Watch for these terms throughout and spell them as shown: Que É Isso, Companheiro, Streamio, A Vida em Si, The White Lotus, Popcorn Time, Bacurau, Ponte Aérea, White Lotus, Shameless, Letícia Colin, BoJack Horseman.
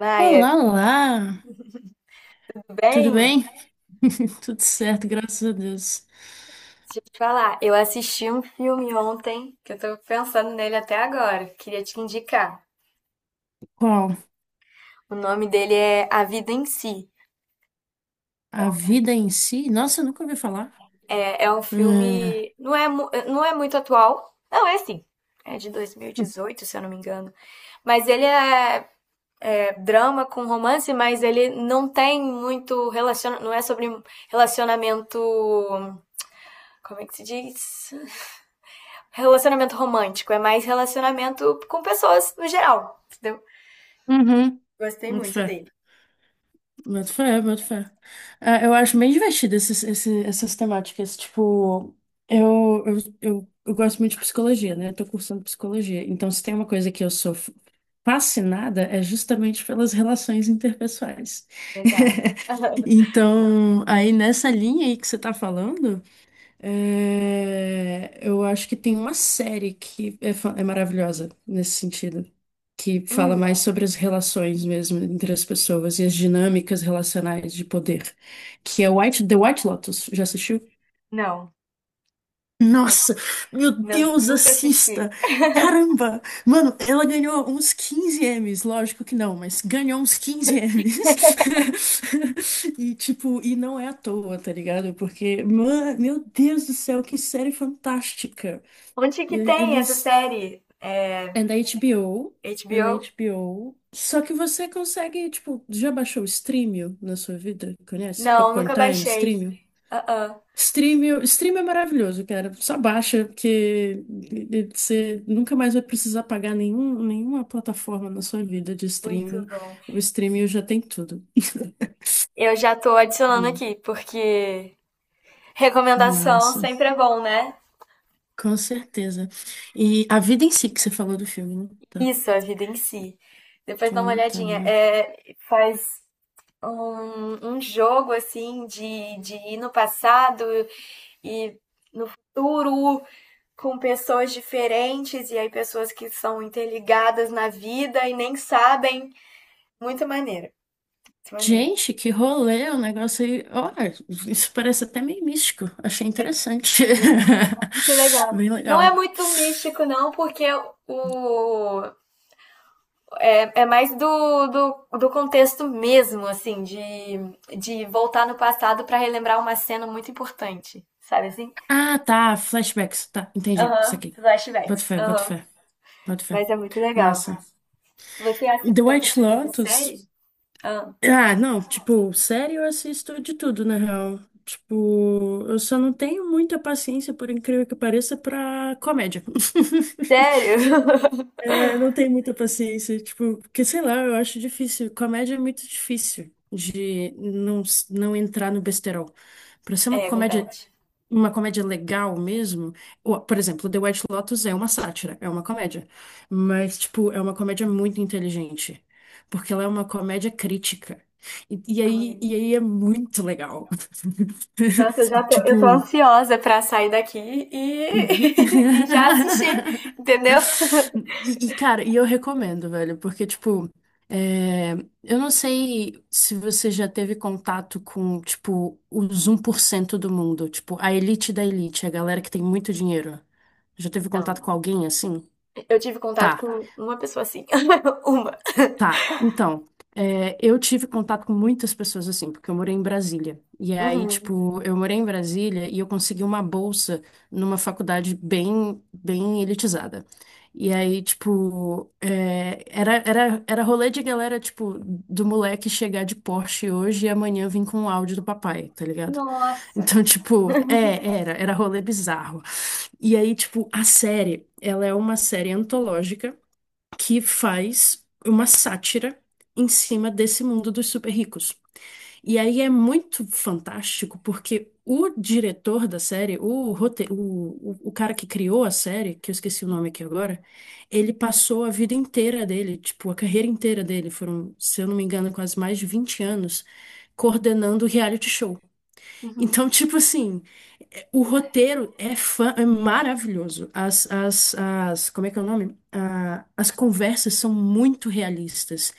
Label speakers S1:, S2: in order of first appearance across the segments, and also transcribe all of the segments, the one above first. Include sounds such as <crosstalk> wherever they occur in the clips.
S1: Maia,
S2: Olá, olá!
S1: tudo
S2: Tudo
S1: bem?
S2: bem? <laughs> Tudo certo, graças a Deus.
S1: Deixa eu te falar, eu assisti um filme ontem que eu tô pensando nele até agora. Queria te indicar.
S2: Qual?
S1: O nome dele é A Vida em Si. É
S2: A
S1: um filme.
S2: vida em si? Nossa, eu nunca ouvi falar.
S1: É um
S2: É.
S1: filme. Não é muito atual. Não, é assim. É de 2018, se eu não me engano. Mas ele é drama com romance, mas ele não é sobre relacionamento, como é que se diz? Relacionamento romântico, é mais relacionamento com pessoas no geral, entendeu?
S2: Uhum,
S1: Gostei
S2: boto
S1: muito
S2: fé.
S1: dele.
S2: Boto fé, boto fé. Ah, eu acho bem divertido essas temáticas. Tipo, eu gosto muito de psicologia, né? Eu tô cursando psicologia. Então, se tem uma coisa que eu sou fascinada, é justamente pelas relações interpessoais.
S1: Legal.
S2: <laughs>
S1: <laughs>
S2: Então, aí nessa linha aí que você tá falando. É, eu acho que tem uma série que é maravilhosa nesse sentido, que fala
S1: Hum.
S2: mais sobre as relações mesmo entre as pessoas e as dinâmicas relacionais de poder, que é The White Lotus. Já assistiu?
S1: Não,
S2: Nossa, meu
S1: não,
S2: Deus,
S1: nunca
S2: assista!
S1: assisti.
S2: Caramba! Mano, ela ganhou uns 15 M's, lógico que não, mas ganhou uns 15 M's. <laughs> E tipo, e não é à toa, tá ligado? Porque, mano, meu Deus do céu, que série fantástica!
S1: Onde que
S2: E-
S1: tem essa
S2: Eles.
S1: série? É,
S2: É da HBO. É na
S1: HBO?
S2: HBO. Só que você consegue, tipo, já baixou o Streamio na sua vida? Conhece?
S1: Não,
S2: Popcorn
S1: nunca
S2: Time,
S1: baixei.
S2: Streamio?
S1: Ah, ah,
S2: Stream é maravilhoso, cara. Só baixa, porque você nunca mais vai precisar pagar nenhuma plataforma na sua vida de
S1: muito
S2: streaming.
S1: bom.
S2: O streaming já tem tudo. <laughs>
S1: Eu já tô adicionando
S2: Hum,
S1: aqui, porque recomendação
S2: Massa,
S1: sempre é bom, né?
S2: com certeza. E a vida em si que você falou do filme, né? Tá,
S1: Isso, a vida em si. Depois
S2: tô
S1: dá uma olhadinha.
S2: anotando.
S1: É, faz um jogo assim de ir no passado e no futuro com pessoas diferentes e aí pessoas que são interligadas na vida e nem sabem. Muito maneiro, muito maneiro.
S2: Gente, que rolê, o negócio aí. Olha, isso parece até meio místico. Achei interessante.
S1: E é muito, muito
S2: <laughs>
S1: legal.
S2: Bem
S1: Não é
S2: legal.
S1: muito místico, não, porque o é mais do contexto mesmo, assim, de voltar no passado para relembrar uma cena muito importante, sabe assim?
S2: Ah, tá, flashbacks, tá, entendi, isso
S1: Aham,
S2: aqui. Boto
S1: flashbacks.
S2: fé, boto
S1: Aham.
S2: fé, boto fé.
S1: Mas é muito legal.
S2: Massa.
S1: Você
S2: The
S1: assiste outro
S2: White
S1: tipo de
S2: Lotus?
S1: série? Ah,
S2: Ah, não, tipo, série eu assisto de tudo, na real. Tipo, eu só não tenho muita paciência, por incrível que pareça, pra comédia. <laughs>
S1: sério? <laughs>
S2: É, não tenho muita paciência, tipo, porque sei lá, eu acho difícil. Comédia é muito difícil de não entrar no besterol. Pra ser
S1: É verdade.
S2: uma comédia legal mesmo. Por exemplo, The White Lotus é uma sátira, é uma comédia. Mas, tipo, é uma comédia muito inteligente. Porque ela é uma comédia crítica.
S1: Uhum.
S2: E aí é muito legal.
S1: Nossa, eu já
S2: <laughs>
S1: tô, eu tô
S2: Tipo.
S1: ansiosa pra sair daqui e, <laughs> e já assistir,
S2: <laughs>
S1: entendeu?
S2: Cara, e eu recomendo, velho, porque, tipo, é, eu não sei se você já teve contato com, tipo, os um por cento do mundo, tipo, a elite da elite, a galera que tem muito dinheiro. Já teve
S1: Então,
S2: contato com alguém assim?
S1: eu tive contato
S2: Tá.
S1: com uma pessoa assim. <laughs> Uma.
S2: Tá, então, é, eu tive contato com muitas pessoas assim, porque eu morei em Brasília. E aí,
S1: Uhum.
S2: tipo, eu morei em Brasília e eu consegui uma bolsa numa faculdade bem elitizada. E aí, tipo, é, era rolê de galera, tipo, do moleque chegar de Porsche hoje e amanhã vir com um áudio do papai, tá ligado? <laughs>
S1: Nossa.
S2: Então, tipo, é, era rolê bizarro. E aí, tipo, a série, ela é uma série antológica que faz uma sátira em cima desse mundo dos super ricos. E aí é muito fantástico porque o diretor da série, o, rote- o cara que criou a série, que eu esqueci o nome aqui agora, ele passou a vida inteira dele, tipo, a carreira inteira dele, foram, se eu não me engano, quase mais de 20 anos, coordenando reality show.
S1: Uhum.
S2: Então, <laughs> tipo assim, o roteiro é maravilhoso. Como é que é o nome? Ah, as conversas são muito realistas.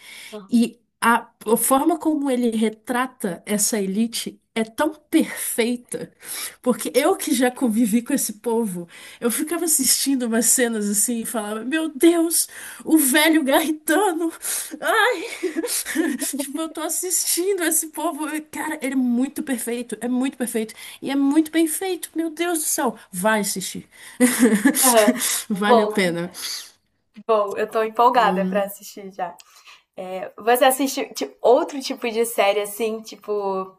S2: E a forma como ele retrata essa elite é tão perfeita porque eu que já convivi com esse povo, eu ficava assistindo umas cenas assim e falava, meu Deus, o velho garritano. Ai! <laughs> Tipo, eu tô assistindo esse povo. Cara, ele é muito perfeito, é muito perfeito. E é muito bem feito, meu Deus do céu. Vai assistir. <laughs>
S1: Aham.
S2: Vale a
S1: Bom,
S2: pena.
S1: bom, eu tô empolgada pra
S2: Hum,
S1: assistir já. Você assiste tipo, outro tipo de série assim, tipo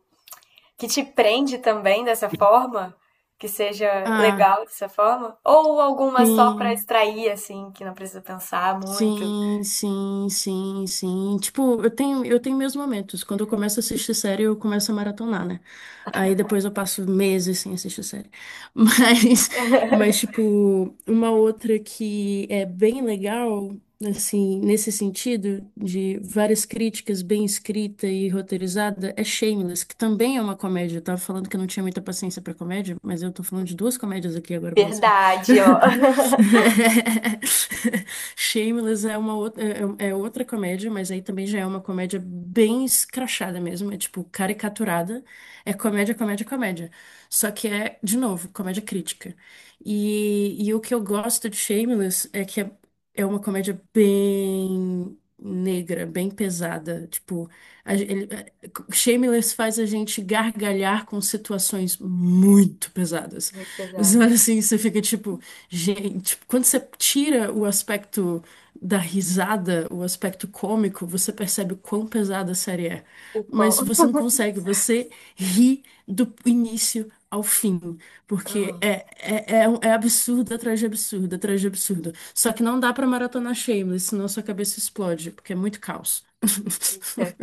S1: que te prende também dessa forma, que seja
S2: ah,
S1: legal dessa forma? Ou alguma só para
S2: sim.
S1: extrair, assim, que não precisa pensar muito?
S2: Sim, sim, sim, sim. Tipo, eu tenho meus momentos. Quando eu começo a assistir série, eu começo a maratonar, né? Aí depois eu passo meses sem assistir série. <laughs> Mas, mas tipo, uma outra que é bem legal, assim, nesse sentido, de várias críticas bem escrita e roteirizada, é Shameless, que também é uma comédia. Eu tava falando que eu não tinha muita paciência pra comédia, mas eu tô falando de duas comédias aqui agora pra você.
S1: Verdade, ó.
S2: <laughs>
S1: <laughs>
S2: <laughs> Shameless é uma outra, é outra comédia, mas aí também já é uma comédia bem escrachada mesmo, é tipo caricaturada. É comédia, comédia, comédia. Só que é, de novo, comédia crítica. E o que eu gosto de Shameless é que é uma comédia bem negra, bem pesada. Tipo, a- ele- Shameless faz a gente gargalhar com situações muito pesadas.
S1: Muito
S2: Você olha
S1: pesadas.
S2: assim, você fica tipo, gente, tipo, quando você tira o aspecto da risada, o aspecto cômico, você percebe o quão pesada a série é.
S1: O quão.
S2: Mas você não consegue,
S1: <laughs>
S2: você ri do início ao fim, porque
S1: Aham.
S2: é absurdo atrás de absurdo, atrás de absurdo. Só que não dá pra maratonar Shameless, senão sua cabeça explode, porque é muito caos.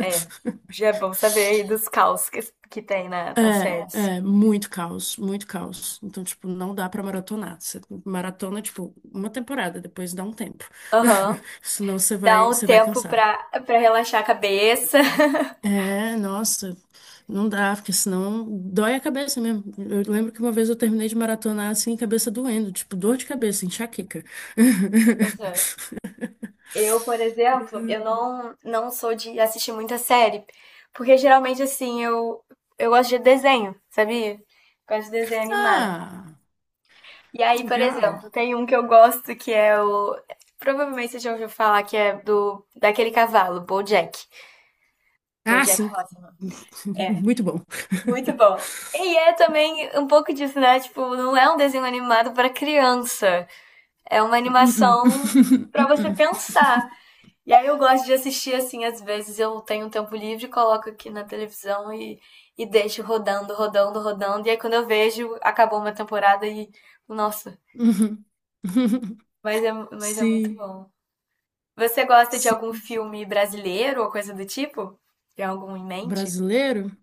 S1: É, já é bom saber aí dos caos que tem nas
S2: É,
S1: séries.
S2: é, muito caos, muito caos. Então, tipo, não dá pra maratonar. Você maratona, tipo, uma temporada, depois dá um tempo.
S1: Aham.
S2: <laughs> Senão
S1: Dá um
S2: você vai
S1: tempo
S2: cansar.
S1: pra relaxar a cabeça.
S2: É, nossa, não dá, porque senão dói a cabeça mesmo. Eu lembro que uma vez eu terminei de maratonar assim, cabeça doendo, tipo, dor de cabeça, enxaqueca. <laughs>
S1: Aham. Eu, por exemplo, eu não sou de assistir muita série, porque geralmente assim, eu gosto de desenho, sabia? Gosto de desenho animado.
S2: Ah,
S1: E aí, por
S2: legal.
S1: exemplo, tem um que eu gosto que é o. Provavelmente você já ouviu falar que é do daquele cavalo, BoJack.
S2: Ah,
S1: BoJack
S2: sim.
S1: Horseman.
S2: <laughs>
S1: É,
S2: Muito bom.
S1: muito
S2: <laughs>
S1: bom. E é também um pouco disso, né? Tipo, não é um desenho animado pra criança. É uma
S2: Uh-uh.
S1: animação
S2: <laughs>
S1: pra você
S2: Uh-uh.
S1: pensar. E aí eu gosto de assistir assim, às vezes eu tenho um tempo livre, coloco aqui na televisão e deixo rodando, rodando, rodando. E aí quando eu vejo, acabou uma temporada e. Nossa,
S2: Uhum. <laughs>
S1: mas é muito
S2: Sim,
S1: bom. Você gosta de
S2: sim,
S1: algum
S2: sim.
S1: filme brasileiro ou coisa do tipo? Tem algum em mente?
S2: Brasileiro?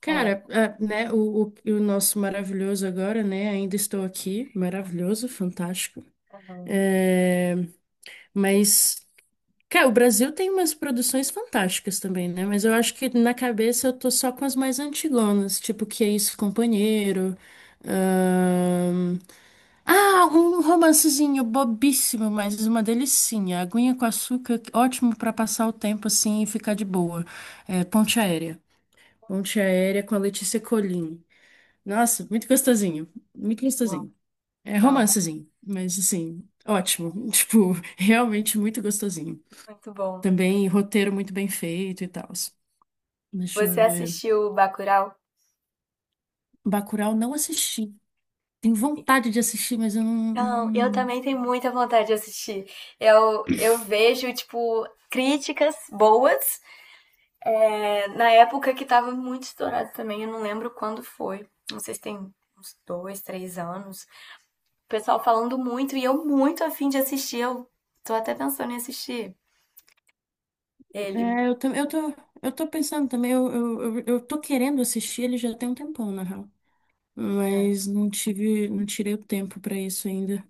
S2: Cara, ah, né, o nosso maravilhoso agora, né? Ainda estou aqui, maravilhoso, fantástico. É, mas, cara, o Brasil tem umas produções fantásticas também, né? Mas eu acho que na cabeça eu tô só com as mais antigonas, tipo Que É Isso, Companheiro, ah, um romancezinho bobíssimo, mas uma delicinha. Aguinha com açúcar, ótimo pra passar o tempo assim e ficar de boa. É, Ponte Aérea. Ponte Aérea com a Letícia Colin. Nossa, muito gostosinho. Muito
S1: Bom,
S2: gostosinho. É
S1: bom,
S2: romancezinho, mas assim, ótimo. <laughs> Tipo, realmente muito gostosinho.
S1: muito bom.
S2: Também roteiro muito bem feito e tal. Deixa eu
S1: Você
S2: ver.
S1: assistiu Bacurau?
S2: Bacurau não assisti. Tenho vontade de assistir, mas eu
S1: Não, eu
S2: não.
S1: também tenho muita vontade de assistir. Eu vejo, tipo, críticas boas. Na época que tava muito estourado também, eu não lembro quando foi. Não sei se tem uns dois, três anos. O pessoal falando muito e eu muito afim de assistir. Eu tô até pensando em assistir ele.
S2: É, eu tô pensando também, eu tô querendo assistir ele já tem um tempão, na real.
S1: Né?
S2: Mas não tive, não tirei o tempo pra isso ainda.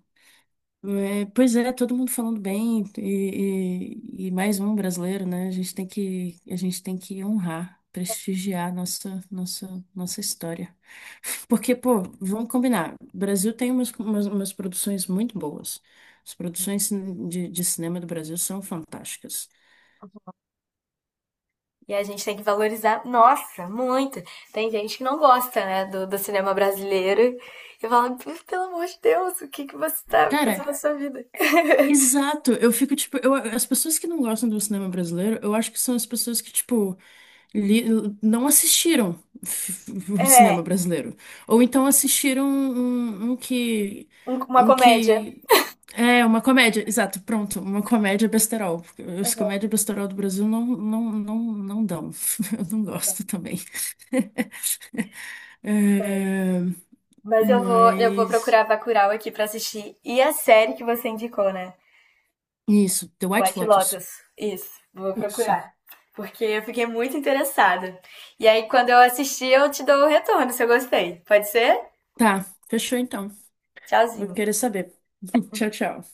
S2: É, pois é, todo mundo falando bem, e mais um brasileiro, né? A gente tem que, a gente tem que honrar, prestigiar nossa história. <laughs> Porque, pô, vamos combinar, o Brasil tem umas produções muito boas. As produções de cinema do Brasil são fantásticas.
S1: E a gente tem que valorizar, nossa, muito. Tem gente que não gosta, né, do, do cinema brasileiro. E fala, pelo amor de Deus, o que, que você tá
S2: Cara,
S1: fazendo na sua vida? <laughs>
S2: exato, eu fico tipo, eu, as pessoas que não gostam do cinema brasileiro, eu acho que são as pessoas que, tipo, li- não assistiram o cinema
S1: É,
S2: brasileiro. Ou então assistiram um que.
S1: uma
S2: Um
S1: comédia.
S2: que. É, uma comédia, exato, pronto, uma comédia besterol. Porque as
S1: Aham,
S2: comédias besterol do Brasil não dão. <laughs> Eu não
S1: tá.
S2: gosto também. <laughs> É,
S1: Mas eu vou
S2: mas.
S1: procurar Bacurau aqui pra assistir. E a série que você indicou, né?
S2: Isso, The White
S1: White
S2: Lotus.
S1: Lotus. Isso, vou
S2: Isso.
S1: procurar. Porque eu fiquei muito interessada. E aí, quando eu assistir, eu te dou o retorno se eu gostei. Pode ser?
S2: Tá, fechou então. Vou
S1: Tchauzinho.
S2: querer saber. <laughs> Tchau, tchau.